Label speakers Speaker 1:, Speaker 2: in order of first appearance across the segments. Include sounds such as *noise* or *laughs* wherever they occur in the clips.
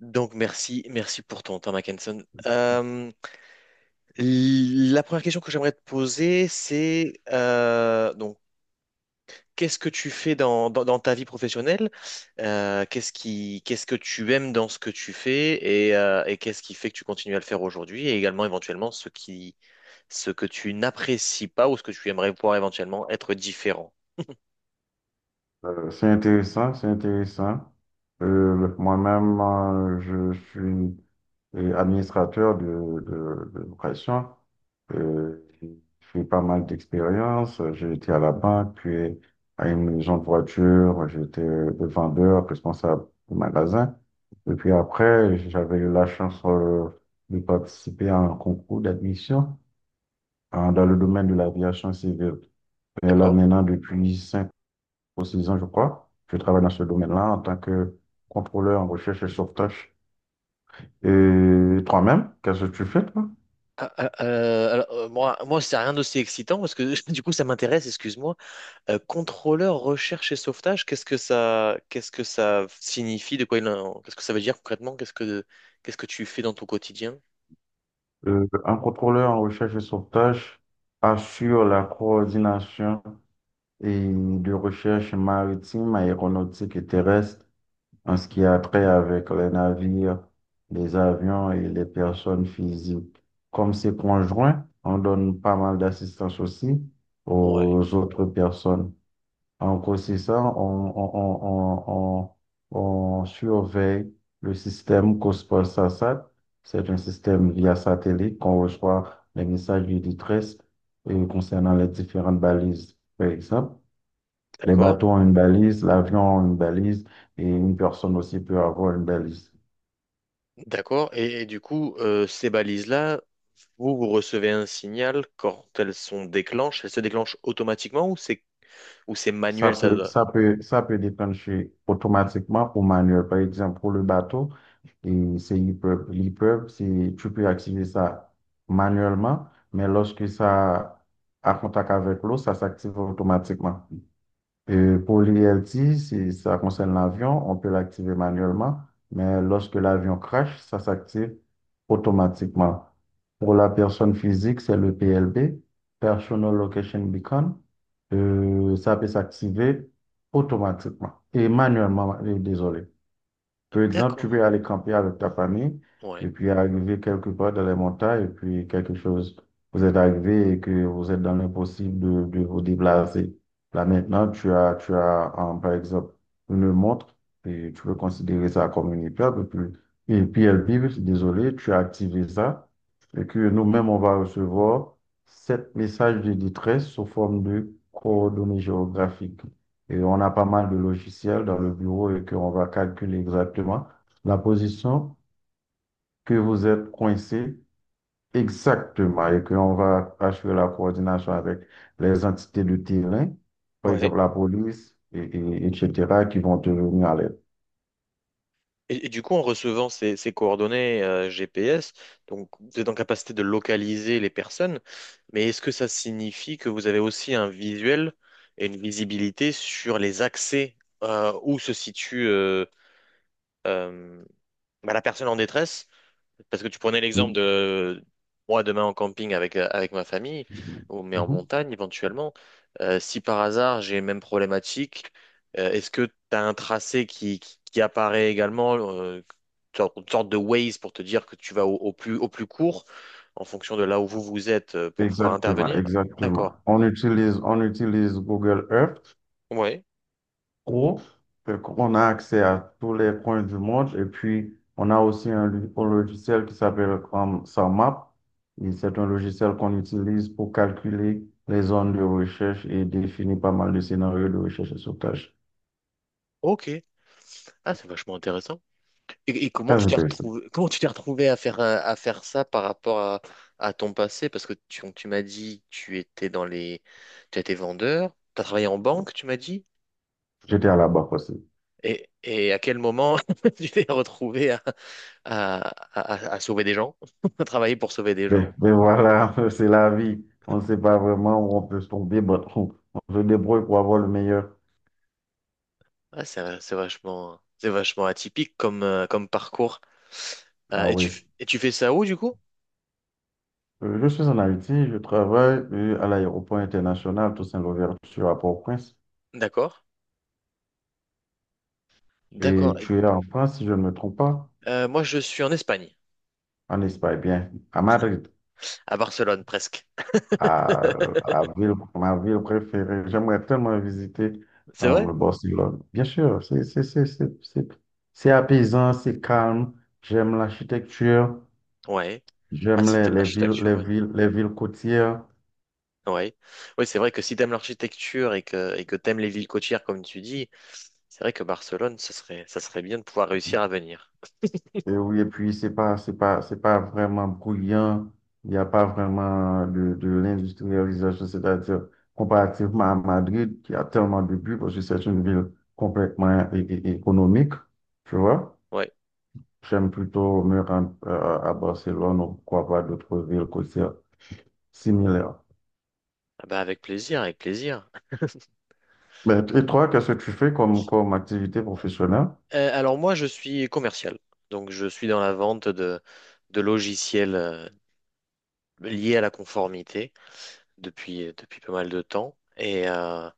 Speaker 1: Donc merci, merci pour ton temps, Mackenson. La première question que j'aimerais te poser, c'est donc qu'est-ce que tu fais dans ta vie professionnelle? Qu'est-ce que tu aimes dans ce que tu fais et qu'est-ce qui fait que tu continues à le faire aujourd'hui, et également éventuellement ce que tu n'apprécies pas ou ce que tu aimerais pouvoir éventuellement être différent.
Speaker 2: C'est intéressant, c'est intéressant. Moi-même, je suis administrateur de location. J'ai fait pas mal d'expériences. J'ai été à la banque, puis à une maison de voiture. J'étais le vendeur, responsable du magasin. Et puis après, j'avais eu la chance de participer à un concours d'admission dans le domaine de l'aviation civile. Et là,
Speaker 1: D'accord?
Speaker 2: maintenant, depuis 5 pour 6 ans, je crois. Je travaille dans ce domaine-là en tant que contrôleur en recherche et sauvetage. Et toi-même, qu'est-ce que tu fais, toi?
Speaker 1: Alors, moi, c'est rien d'aussi excitant parce que *laughs* du coup, ça m'intéresse, excuse-moi. Contrôleur recherche et sauvetage, qu'est-ce que ça signifie, de quoi il en- qu'est-ce que ça veut dire concrètement, qu'est-ce que tu fais dans ton quotidien?
Speaker 2: Un contrôleur en recherche et sauvetage assure la coordination et de recherche maritime, aéronautique et terrestre en ce qui a trait avec les navires, les avions et les personnes physiques. Comme c'est conjoint, on donne pas mal d'assistance aussi
Speaker 1: Ouais,
Speaker 2: aux autres personnes. En grossissant, on, on surveille le système Cosport-SASAT. C'est un système via satellite qu'on reçoit les messages du détresse concernant les différentes balises, par exemple. Les
Speaker 1: d'accord,
Speaker 2: bateaux ont une balise, l'avion a une balise et une personne aussi peut avoir une balise.
Speaker 1: d'accord. Et du coup, ces balises-là, vous recevez un signal quand elles sont déclenchées, elles se déclenchent automatiquement ou c'est
Speaker 2: Ça
Speaker 1: manuel, ça
Speaker 2: peut,
Speaker 1: doit…
Speaker 2: ça peut, ça peut déclencher automatiquement ou manuel. Par exemple, pour le bateau, et c'est l'EPUB. L'EPUB, c'est, tu peux activer ça manuellement, mais lorsque ça a contact avec l'eau, ça s'active automatiquement. Et pour l'ILT, si ça concerne l'avion, on peut l'activer manuellement, mais lorsque l'avion crash, ça s'active automatiquement. Pour la personne physique, c'est le PLB, Personal Location Beacon. Ça peut s'activer automatiquement et manuellement, désolé. Par exemple, tu
Speaker 1: D'accord,
Speaker 2: peux aller camper avec ta famille
Speaker 1: ouais,
Speaker 2: et puis arriver quelque part dans les montagnes et puis quelque chose, vous êtes arrivé et que vous êtes dans l'impossible de vous déplacer. Là maintenant, tu as par exemple une montre et tu peux considérer ça comme une épreuve et puis elle vibre, désolé, tu as activé ça et que nous-mêmes, on va recevoir sept messages de détresse sous forme de coordonnées géographiques et on a pas mal de logiciels dans le bureau et qu'on va calculer exactement la position que vous êtes coincé exactement et qu'on va assurer la coordination avec les entités de terrain, par
Speaker 1: ouais.
Speaker 2: exemple la police, etc., qui vont te venir à l'aide.
Speaker 1: Et du coup, en recevant ces coordonnées GPS, donc vous êtes en capacité de localiser les personnes, mais est-ce que ça signifie que vous avez aussi un visuel et une visibilité sur les accès où se situe euh, bah, la personne en détresse? Parce que tu prenais l'exemple
Speaker 2: Mhm.
Speaker 1: de moi demain en camping avec, avec ma famille, ou mais en
Speaker 2: Mhm.
Speaker 1: montagne éventuellement. Euh, si par hasard j'ai les mêmes problématiques, est-ce que tu as un tracé qui apparaît également, une sorte de Waze pour te dire que tu vas au plus court en fonction de là où vous vous êtes pour pouvoir
Speaker 2: Exactement,
Speaker 1: intervenir?
Speaker 2: exactement.
Speaker 1: D'accord.
Speaker 2: On utilise Google Earth
Speaker 1: Ouais.
Speaker 2: pro. Fait qu'on a accès à tous les coins du monde. Et puis, on a aussi un logiciel qui s'appelle SumMap. Et c'est un logiciel qu'on utilise pour calculer les zones de recherche et définir pas mal de scénarios de recherche et sauvetage.
Speaker 1: Ok. Ah, c'est vachement intéressant. Et comment
Speaker 2: Très
Speaker 1: tu t'es
Speaker 2: intéressant.
Speaker 1: retrouvé, comment tu t'es retrouvé à faire ça par rapport à ton passé? Parce que tu m'as dit que tu étais dans les, tu étais vendeur, tu as travaillé en banque, tu m'as dit.
Speaker 2: J'étais à la barre aussi.
Speaker 1: Et à quel moment *laughs* tu t'es retrouvé à, à sauver des gens, *laughs* à travailler pour sauver des gens?
Speaker 2: Mais voilà, *laughs* c'est la vie. On ne sait pas vraiment où on peut se tomber, mais on se débrouille pour avoir le meilleur.
Speaker 1: Ah, c'est vachement atypique comme, comme parcours.
Speaker 2: Ah oui.
Speaker 1: Et tu fais ça où du coup?
Speaker 2: Je suis en Haïti, je travaille à l'aéroport international Toussaint Louverture à Port-au-Prince.
Speaker 1: D'accord,
Speaker 2: Et
Speaker 1: d'accord.
Speaker 2: tu es en France, si je ne me trompe pas,
Speaker 1: Moi, je suis en Espagne,
Speaker 2: en Espagne, bien, à Madrid,
Speaker 1: à Barcelone presque.
Speaker 2: à, à ville, ma ville préférée. J'aimerais tellement visiter
Speaker 1: C'est vrai?
Speaker 2: le Barcelone. Bien sûr, c'est apaisant, c'est calme. J'aime l'architecture,
Speaker 1: Ouais. Ah,
Speaker 2: j'aime
Speaker 1: si
Speaker 2: les,
Speaker 1: t'aimes
Speaker 2: les villes,
Speaker 1: l'architecture,
Speaker 2: les
Speaker 1: ouais.
Speaker 2: villes, les villes côtières.
Speaker 1: Ouais. Oui, c'est vrai que si t'aimes l'architecture et que t'aimes les villes côtières, comme tu dis, c'est vrai que Barcelone, ça serait bien de pouvoir réussir à venir.
Speaker 2: Et oui, et puis c'est pas vraiment brillant. Il n'y a pas vraiment de l'industrialisation, c'est-à-dire comparativement à Madrid, qui a tellement de buts, parce que c'est une ville complètement économique, tu vois.
Speaker 1: Ouais.
Speaker 2: J'aime plutôt me rendre à Barcelone ou pourquoi pas d'autres villes côtières similaires.
Speaker 1: Ah bah, avec plaisir, avec plaisir.
Speaker 2: Mais, et toi, qu'est-ce que tu fais comme activité professionnelle?
Speaker 1: Alors, moi, je suis commercial. Donc, je suis dans la vente de logiciels liés à la conformité depuis, depuis pas mal de temps.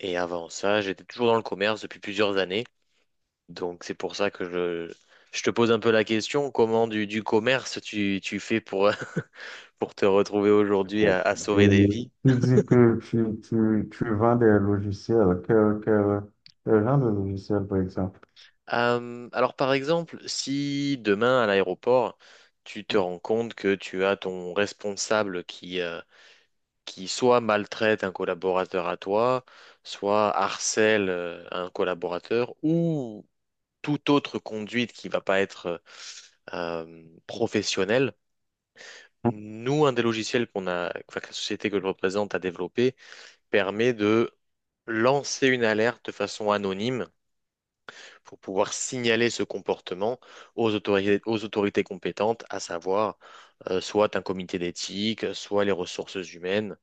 Speaker 1: Et avant ça, j'étais toujours dans le commerce depuis plusieurs années. Donc c'est pour ça que je te pose un peu la question, comment du commerce tu fais pour, *laughs* pour te retrouver aujourd'hui
Speaker 2: Bon.
Speaker 1: à
Speaker 2: Et
Speaker 1: sauver des
Speaker 2: oui,
Speaker 1: vies?
Speaker 2: tu dis que tu vends des logiciels. Quel genre de logiciel, par exemple?
Speaker 1: Alors par exemple, si demain à l'aéroport, tu te rends compte que tu as ton responsable qui soit maltraite un collaborateur à toi, soit harcèle un collaborateur, ou toute autre conduite qui va pas être professionnelle. Nous, un des logiciels qu'on a, enfin, que la société que je représente a développé permet de lancer une alerte de façon anonyme pour pouvoir signaler ce comportement aux autorités compétentes, à savoir soit un comité d'éthique, soit les ressources humaines.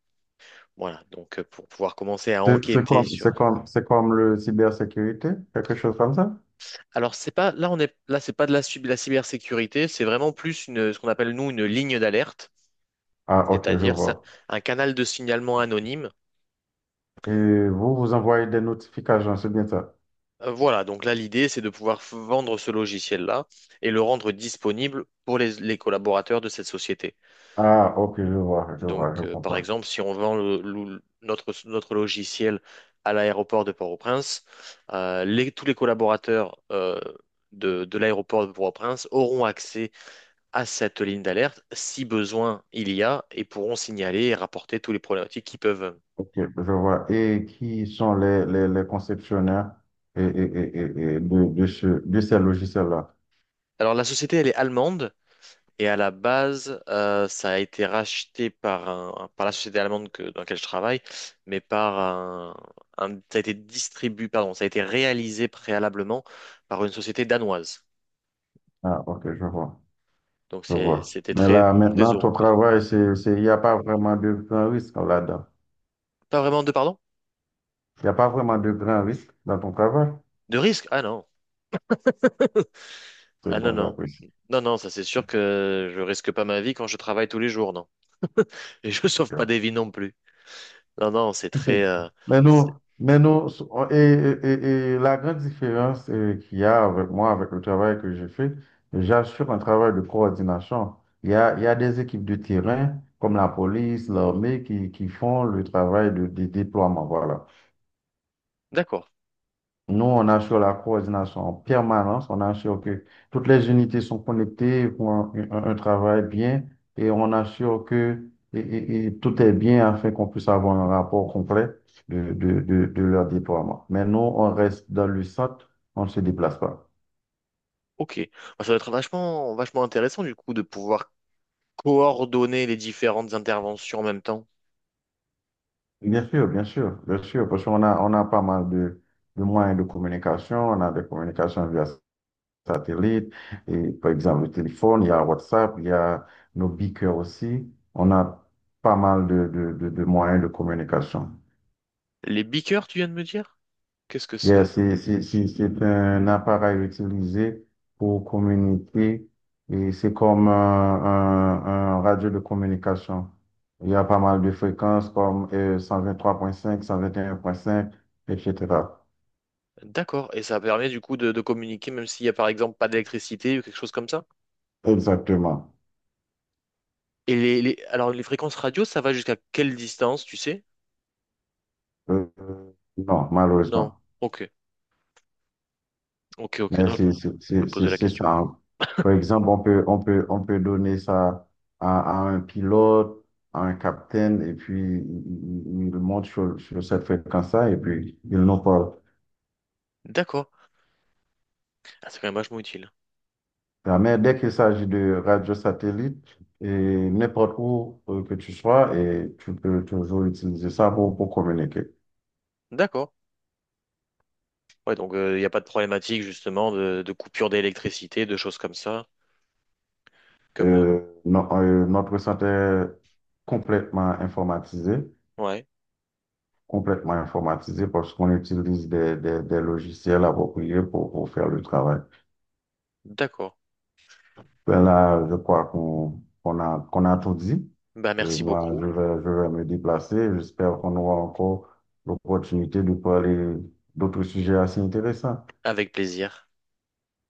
Speaker 1: Voilà, donc pour pouvoir commencer à
Speaker 2: C'est c'est
Speaker 1: enquêter
Speaker 2: comme,
Speaker 1: sur.
Speaker 2: c'est comme, c'est comme le cybersécurité, quelque chose comme ça?
Speaker 1: Alors c'est pas là on est là c'est pas de la, la cybersécurité, c'est vraiment plus une, ce qu'on appelle nous une ligne d'alerte,
Speaker 2: Ah, ok, je
Speaker 1: c'est-à-dire c'est
Speaker 2: vois.
Speaker 1: un canal de signalement anonyme.
Speaker 2: Et vous, vous envoyez des notifications, c'est bien ça?
Speaker 1: Voilà, donc là, l'idée, c'est de pouvoir vendre ce logiciel-là et le rendre disponible pour les collaborateurs de cette société.
Speaker 2: Ah, ok, je vois, je vois,
Speaker 1: Donc,
Speaker 2: je
Speaker 1: par
Speaker 2: comprends.
Speaker 1: exemple, si on vend notre logiciel à l'aéroport de Port-au-Prince, tous les collaborateurs de l'aéroport de Port-au-Prince auront accès à cette ligne d'alerte si besoin il y a, et pourront signaler et rapporter tous les problématiques qu'ils peuvent.
Speaker 2: Ok, je vois. Et qui sont les conceptionnaires et, et, et, et de ces logiciels-là?
Speaker 1: Alors, la société, elle est allemande. Et à la base, ça a été racheté par un, par la société allemande que, dans laquelle je travaille, mais par un, ça a été distribué, pardon, ça a été réalisé préalablement par une société danoise.
Speaker 2: Ah, ok, je vois.
Speaker 1: Donc
Speaker 2: Je
Speaker 1: c'est,
Speaker 2: vois.
Speaker 1: c'était
Speaker 2: Mais
Speaker 1: très,
Speaker 2: là,
Speaker 1: très
Speaker 2: maintenant, ton
Speaker 1: européen.
Speaker 2: travail, il n'y a pas vraiment de grand risque là-dedans.
Speaker 1: Pas vraiment de, pardon?
Speaker 2: Il n'y a pas vraiment de grand risque dans ton travail.
Speaker 1: De risque? Ah non.
Speaker 2: C'est
Speaker 1: Ah non,
Speaker 2: bon,
Speaker 1: non.
Speaker 2: j'apprécie.
Speaker 1: Non, non, ça c'est sûr que je risque pas ma vie quand je travaille tous les jours, non. Et je *laughs* sauve pas des vies non plus. Non, non, c'est très,
Speaker 2: *laughs* Mais nous,
Speaker 1: c'est-
Speaker 2: mais nous, et la grande différence qu'il y a avec moi, avec le travail que je fais, j'assure un travail de coordination. Il y a des équipes de terrain, comme la police, l'armée, qui font le travail de déploiement. Voilà.
Speaker 1: d'accord.
Speaker 2: Nous, on assure la coordination en permanence, on assure que toutes les unités sont connectées pour un travail bien et on assure que tout est bien afin qu'on puisse avoir un rapport complet de leur déploiement. Mais nous, on reste dans le centre, on ne se déplace pas.
Speaker 1: Ok. Bah, ça doit être vachement, vachement intéressant du coup de pouvoir coordonner les différentes interventions en même temps.
Speaker 2: Bien sûr, bien sûr, bien sûr, parce qu'on a pas mal de moyens de communication, on a des communications via satellite, et par exemple le téléphone, il y a WhatsApp, il y a nos beacons aussi. On a pas mal de moyens de communication.
Speaker 1: Les beakers, tu viens de me dire? Qu'est-ce que
Speaker 2: Yeah,
Speaker 1: c'est?
Speaker 2: c'est un appareil utilisé pour communiquer et c'est comme un radio de communication. Il y a pas mal de fréquences comme 123,5, 121,5, etc.
Speaker 1: D'accord. Et ça permet du coup de communiquer même s'il y a par exemple pas d'électricité ou quelque chose comme ça.
Speaker 2: Exactement.
Speaker 1: Et les, alors les fréquences radio, ça va jusqu'à quelle distance, tu sais?
Speaker 2: Euh, non,
Speaker 1: Non.
Speaker 2: malheureusement.
Speaker 1: Ok. Ok, ok.
Speaker 2: Mais
Speaker 1: Non, je
Speaker 2: c'est c'est-
Speaker 1: me
Speaker 2: c'est- c'est-
Speaker 1: posais la
Speaker 2: c'est
Speaker 1: question.
Speaker 2: ça, hein. Par exemple, on peut donner ça à, à un pilote, à un capitaine, et puis il monte sur cette fréquence-là, et puis il nous parle.
Speaker 1: D'accord. Ah, c'est quand même vachement utile.
Speaker 2: Ah, mais dès qu'il s'agit de radio satellite, et n'importe où que tu sois, et tu peux toujours utiliser ça pour communiquer.
Speaker 1: D'accord. Ouais, donc il n'y a pas de problématique justement de coupure d'électricité, de choses comme ça. Comme
Speaker 2: Notre centre est complètement informatisé.
Speaker 1: ouais.
Speaker 2: Complètement informatisé parce qu'on utilise des logiciels appropriés pour faire le travail.
Speaker 1: D'accord.
Speaker 2: Ben là, je crois qu'on a tout dit.
Speaker 1: Bah
Speaker 2: Euh,
Speaker 1: merci
Speaker 2: moi,
Speaker 1: beaucoup.
Speaker 2: je vais me déplacer. J'espère qu'on aura encore l'opportunité de parler d'autres sujets assez intéressants.
Speaker 1: Avec plaisir.